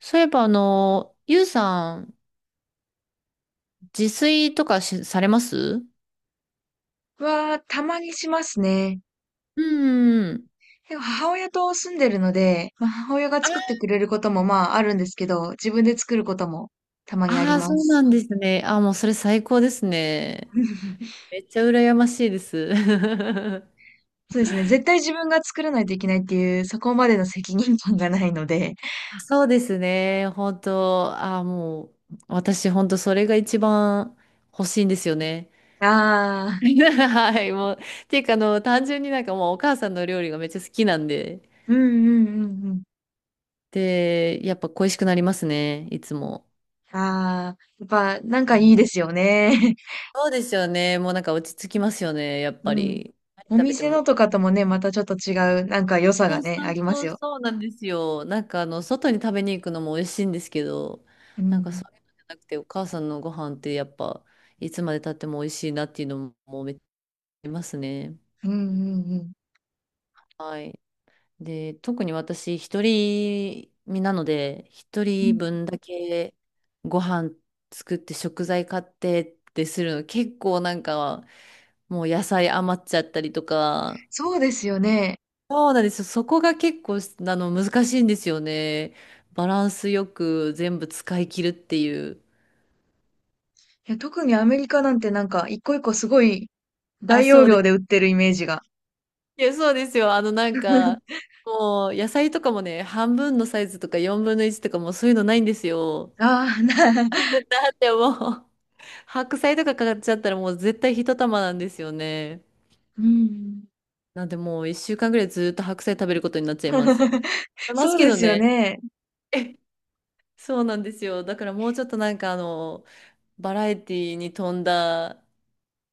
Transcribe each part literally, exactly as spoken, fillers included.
そういえば、あの、ゆうさん、自炊とかし、されます？は、たまにしますね。うんうん。でも母親と住んでるので、まあ、母親が作ってくれることもまああるんですけど、自分で作ることもたまにありああ、まそうす。なんですね。ああ、もうそれ最高ですね。めっちゃ羨ましいです。そうですね。絶対自分が作らないといけないっていう、そこまでの責任感がないので。あ、そうですね。本当、ああ、もう、私、本当、それが一番欲しいんですよね。あ あ、はい、もう、ていうか、あの、単純になんかもう、お母さんの料理がめっちゃ好きなんで、うんうんうんうん。で、やっぱ恋しくなりますね、いつも。ああ、やっぱなんかういん。いですよね。そうですよね。もうなんか落ち着きますよね。やっ ぱうん。り。何お食べて店も。のとかともね、またちょっと違う、なんか良さそがうそね、あうりまそすうよ。そうなんですよ。なんかあの、外に食べに行くのも美味しいんですけど、うなんかん。そういうのじゃなくて、お母さんのご飯ってやっぱ、いつまで経っても美味しいなっていうのもめっちゃありますね。うんうんうん。はい。で、特に私、一人身なので、一う人ん、分だけご飯作って食材買ってってするの、結構なんか、もう野菜余っちゃったりとか、そうですよね。そうなんですよ。そこが結構、あの、難しいんですよね。バランスよく全部使い切るっていう。いや、特にアメリカなんてなんか、一個一個すごいあ、大容そうで量す。で売ってるイメージが。いや、そうですよ。あの、なんか、もう、野菜とかもね、半分のサイズとかよんのいちとかもうそういうのないんですよ。ああ、な、だってもう、白菜とか買っちゃったらもう絶対一玉なんですよね。うん。なんでもう一週間ぐらいずっと白菜食べることになっちゃいます。いますそうけでどすよね。ね。そうなんですよ。だからもうちょっとなんかあの、バラエティに富んだ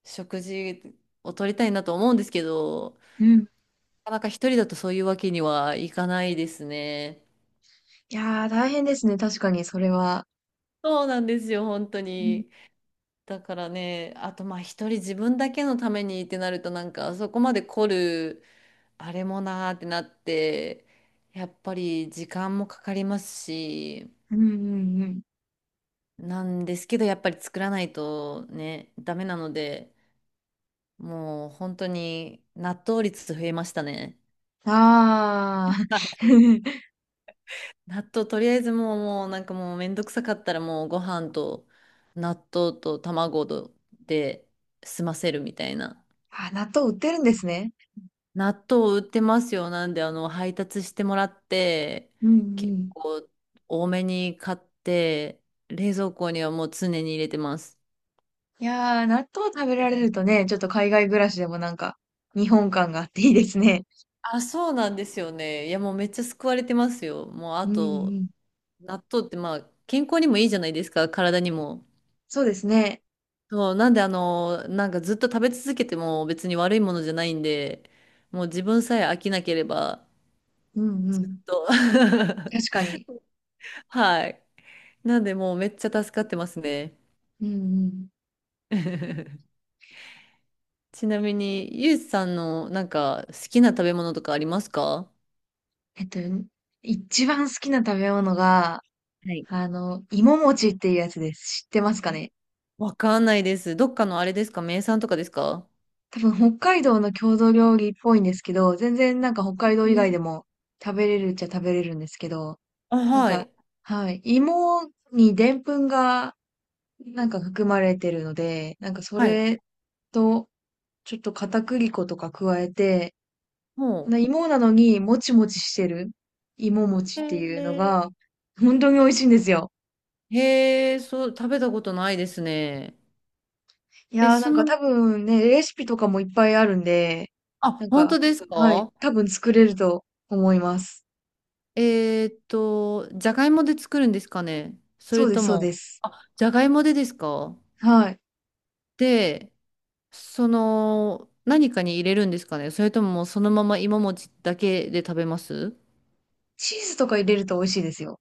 食事を取りたいなと思うんですけど、うん。なかなか一人だとそういうわけにはいかないですね。いやー、大変ですね。確かに、それは。そうなんですよ、本当うん、に。だからね、あとまあ一人自分だけのためにってなるとなんかそこまで凝るあれもなーってなって、やっぱり時間もかかりますし、うん、うんうん。なんですけどやっぱり作らないとね、ダメなので、もう本当に納豆率増えましたね。ああ。納豆とりあえずもう、もうなんかもうめんどくさかったらもうご飯と納豆と卵で済ませるみたいな。あ、納豆売ってるんですね。納豆売ってますよ。なんであの配達してもらって、うん、う結ん。構多めに買って、冷蔵庫にはもう常に入れてます。いやー、納豆食べられるとね、ちょっと海外暮らしでもなんか、日本感があっていいですね。あ、そうなんですよね。いやもうめっちゃ救われてますよ。もううあん、うと、ん。納豆ってまあ健康にもいいじゃないですか。体にも。そうですね。そう、なんであの、なんかずっと食べ続けても別に悪いものじゃないんで、もう自分さえ飽きなければ、うん、うん。と。確 かに。はい。なんでもうめっちゃ助かってますね。うん、うん。ちなみに、ゆうじさんのなんか好きな食べ物とかありますか？えっと、一番好きな食べ物が、はい。あの、芋餅っていうやつです。知ってますかね？わかんないです。どっかのあれですか？名産とかですか？多分北海道の郷土料理っぽいんですけど、全然なんか北え海道以外でー、も食べれるっちゃ食べれるんですけど、あ、なんはか、い。はい、芋にでんぷんがなんか含まれてるので、なんかそはい。れとちょっと片栗粉とか加えて、こも、の芋なのにもちもちしてる芋餅えってーいう。うのへがー。本当に美味しいんですよ。へえ、そう、食べたことないですね。いえ、やーそなんかの、多分ね、レシピとかもいっぱいあるんで、あ、なん本か、当ですはい、か？多分作れると思います。えーっと、じゃがいもで作るんですかね？そそれうです、とそうも、です。あ、じゃがいもでですか？はい。で、その、何かに入れるんですかね？それとももうそのまま芋餅だけで食べます？チーズとか入れると美味しいですよ。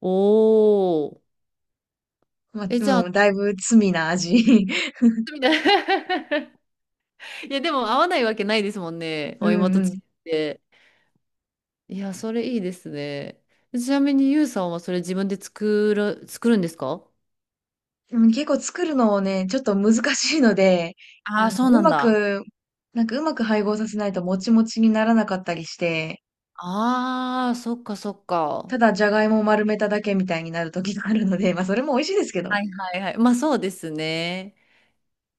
おー。まあ、え、じゃあ、でだいぶ罪な味。みたいな いや、でも合わないわけないですもんね。うお芋んとう違っん。て。いや、それいいですね。ちなみに、ゆうさんはそれ自分で作る、作るんですか？でも結構作るのをね、ちょっと難しいので、あああー、の、そううなんまだ。く、なんかうまく配合させないともちもちにならなかったりして、ああ、そっかそっか。ただじゃがいもを丸めただけみたいになる時があるので、まあそれも美味しいですけど。はいはいはい。まあそうですね。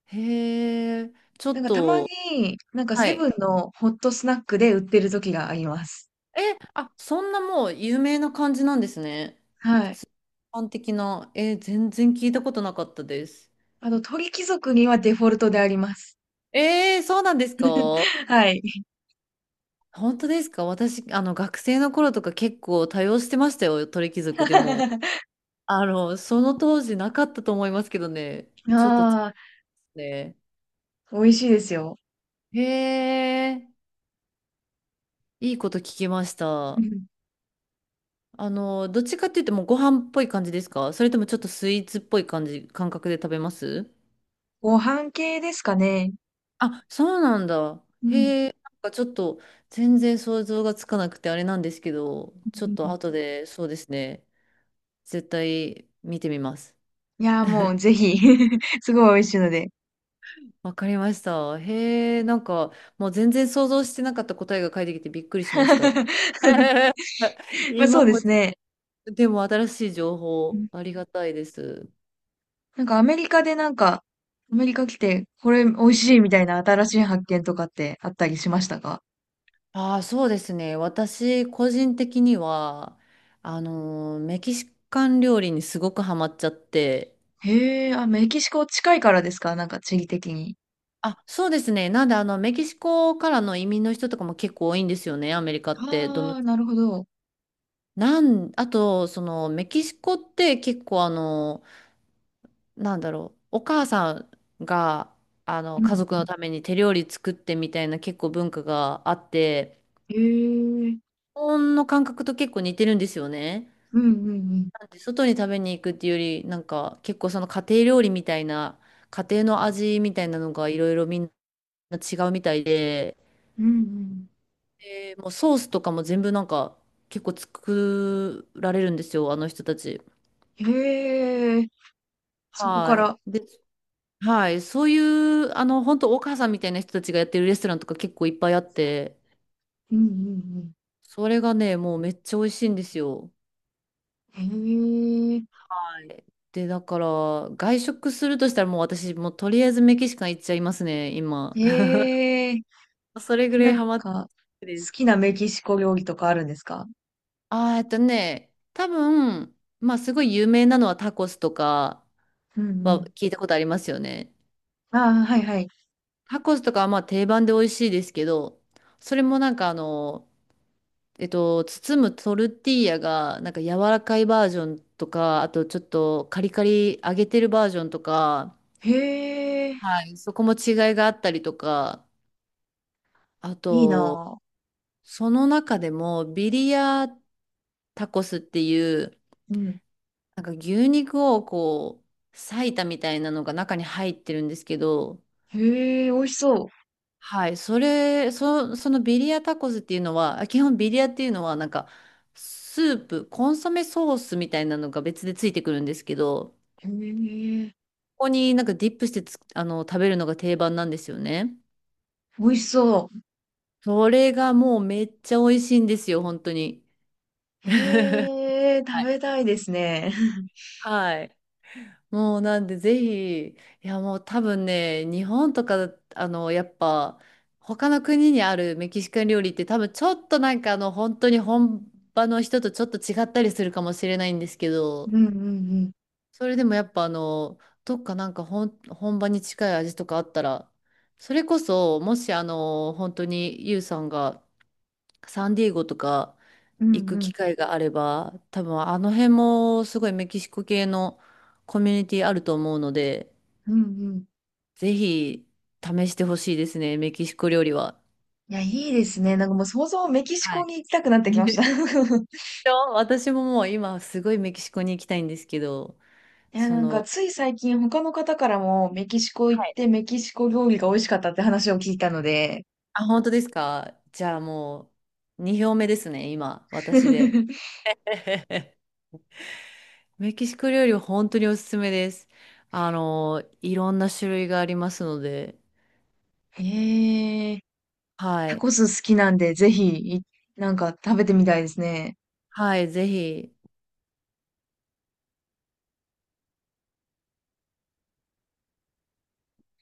へえ、ちょなんっかたまと、に、なんかはセい。ブンのホットスナックで売ってる時があります。え、あ、そんなもう有名な感じなんですね。普はい。通般的な。え、全然聞いたことなかったです。あと、鳥貴族にはデフォルトであります。えー、そうなんですか？はい。本当ですか？私、あの、学生の頃とか結構多用してましたよ、鳥貴族でも。あの、その当時なかったと思いますけどね。ちょっと、ああ、ね。美味しいですよ。へえ、いいこと聞きましうた。ん。あの、どっちかって言ってもご飯っぽい感じですか？それともちょっとスイーツっぽい感じ、感覚で食べます？ご飯系ですかね。あ、そうなんだ。うん。うへえ、なんかちょっと全然想像がつかなくてあれなんですけど、ちょっと後ん。でそうですね、絶対見てみます。いやー、もうぜひ すごい美味しいので。わかりました。へえ、なんかもう全然想像してなかった答えが返ってきてびっくりしました。まあ今そうでも、すね。でも新しい情う報ん。ありがたいです。なんかアメリカでなんか、アメリカ来て、これ美味しいみたいな新しい発見とかってあったりしましたか？ああ、そうですね。私、個人的には、あのー、メキシカン料理にすごくハマっちゃって。へえ、あ、メキシコ近いからですか？なんか地理的に。あ、そうですね。なんで、あの、メキシコからの移民の人とかも結構多いんですよね、アメリカって。どの、ああ、なるほど。なん、あと、その、メキシコって結構、あの、なんだろう、お母さんが、あうの、ん。家族のために手料理作ってみたいな結構文化があって、へえ。日本の感覚と結構似てるんですよね。うんうんうん。なんで外に食べに行くっていうより、なんか結構その家庭料理みたいな、家庭の味みたいなのがいろいろみんな違うみたいで、うんで、もうソースとかも全部なんか結構作られるんですよ、あの人たち。うん。へえ。そこかはい。ら。で、はい。そういう、あの、本当お母さんみたいな人たちがやってるレストランとか結構いっぱいあって、うんうんそれがね、もうめっちゃ美味しいんですよ。うん。はい。で、だから、外食するとしたらもう私、もうとりあえずメキシカン行っちゃいますね、今。へえ。へえ。それぐらないんハマっか、好です。きなメキシコ料理とかあるんですか？あー、えっとね、多分、まあすごい有名なのはタコスとかうんうはん。聞いたことありますよね。ああ、はいはい。タコスとかはまあ定番で美味しいですけど、それもなんかあの、えっと、包むトルティーヤがなんか柔らかいバージョンとか、あとちょっとカリカリ揚げてるバージョンとか、へえ。はい、そこも違いがあったりとか、あいいと、なその中でもビリヤタコスっていう、ぁ。うん。なんか牛肉をこう、裂いたみたいなのが中に入ってるんですけど、へえ、美味しそはい、それ、そ、そのビリヤタコスっていうのは、あ基本ビリヤっていうのは、なんか、スープ、コンソメソースみたいなのが別でついてくるんですけど、う。へえ。ここになんかディップしてつ、あの、食べるのが定番なんですよね。美味しそそれがもうめっちゃ美味しいんですよ、本当に。う。へえ、は食い。べたいですね。はい。もうなんでぜひ、いやもう多分ね、日本とか、あの、やっぱ、他の国にあるメキシカン料理って多分ちょっとなんかあの、本当に本場の人とちょっと違ったりするかもしれないんですけど、うんうんうん。それでもやっぱあの、どっかなんか本、本場に近い味とかあったら、それこそ、もしあの、本当にユウさんがサンディエゴとかう行んうく機ん。会があれば、多分あの辺もすごいメキシコ系のコミュニティあると思うので、うんうん。ぜひ試してほしいですね、メキシコ料理は。いや、いいですね。なんかもう想像メキシはコい。に行きたくなってきました。そう私ももう今すごいメキシコに行きたいんですけど、いや、そなんかの、つい最近他の方からもメキシコ行っはい。てメキシコ料理が美味しかったって話を聞いたので。あ、本当ですか？じゃあもうに票目ですね、今、私で。メキシコ料理は本当におすすめです。あの、いろんな種類がありますので、へ。はタい。コス好きなんで、ぜひ、い、なんか食べてみたいですね。はい、ぜひ。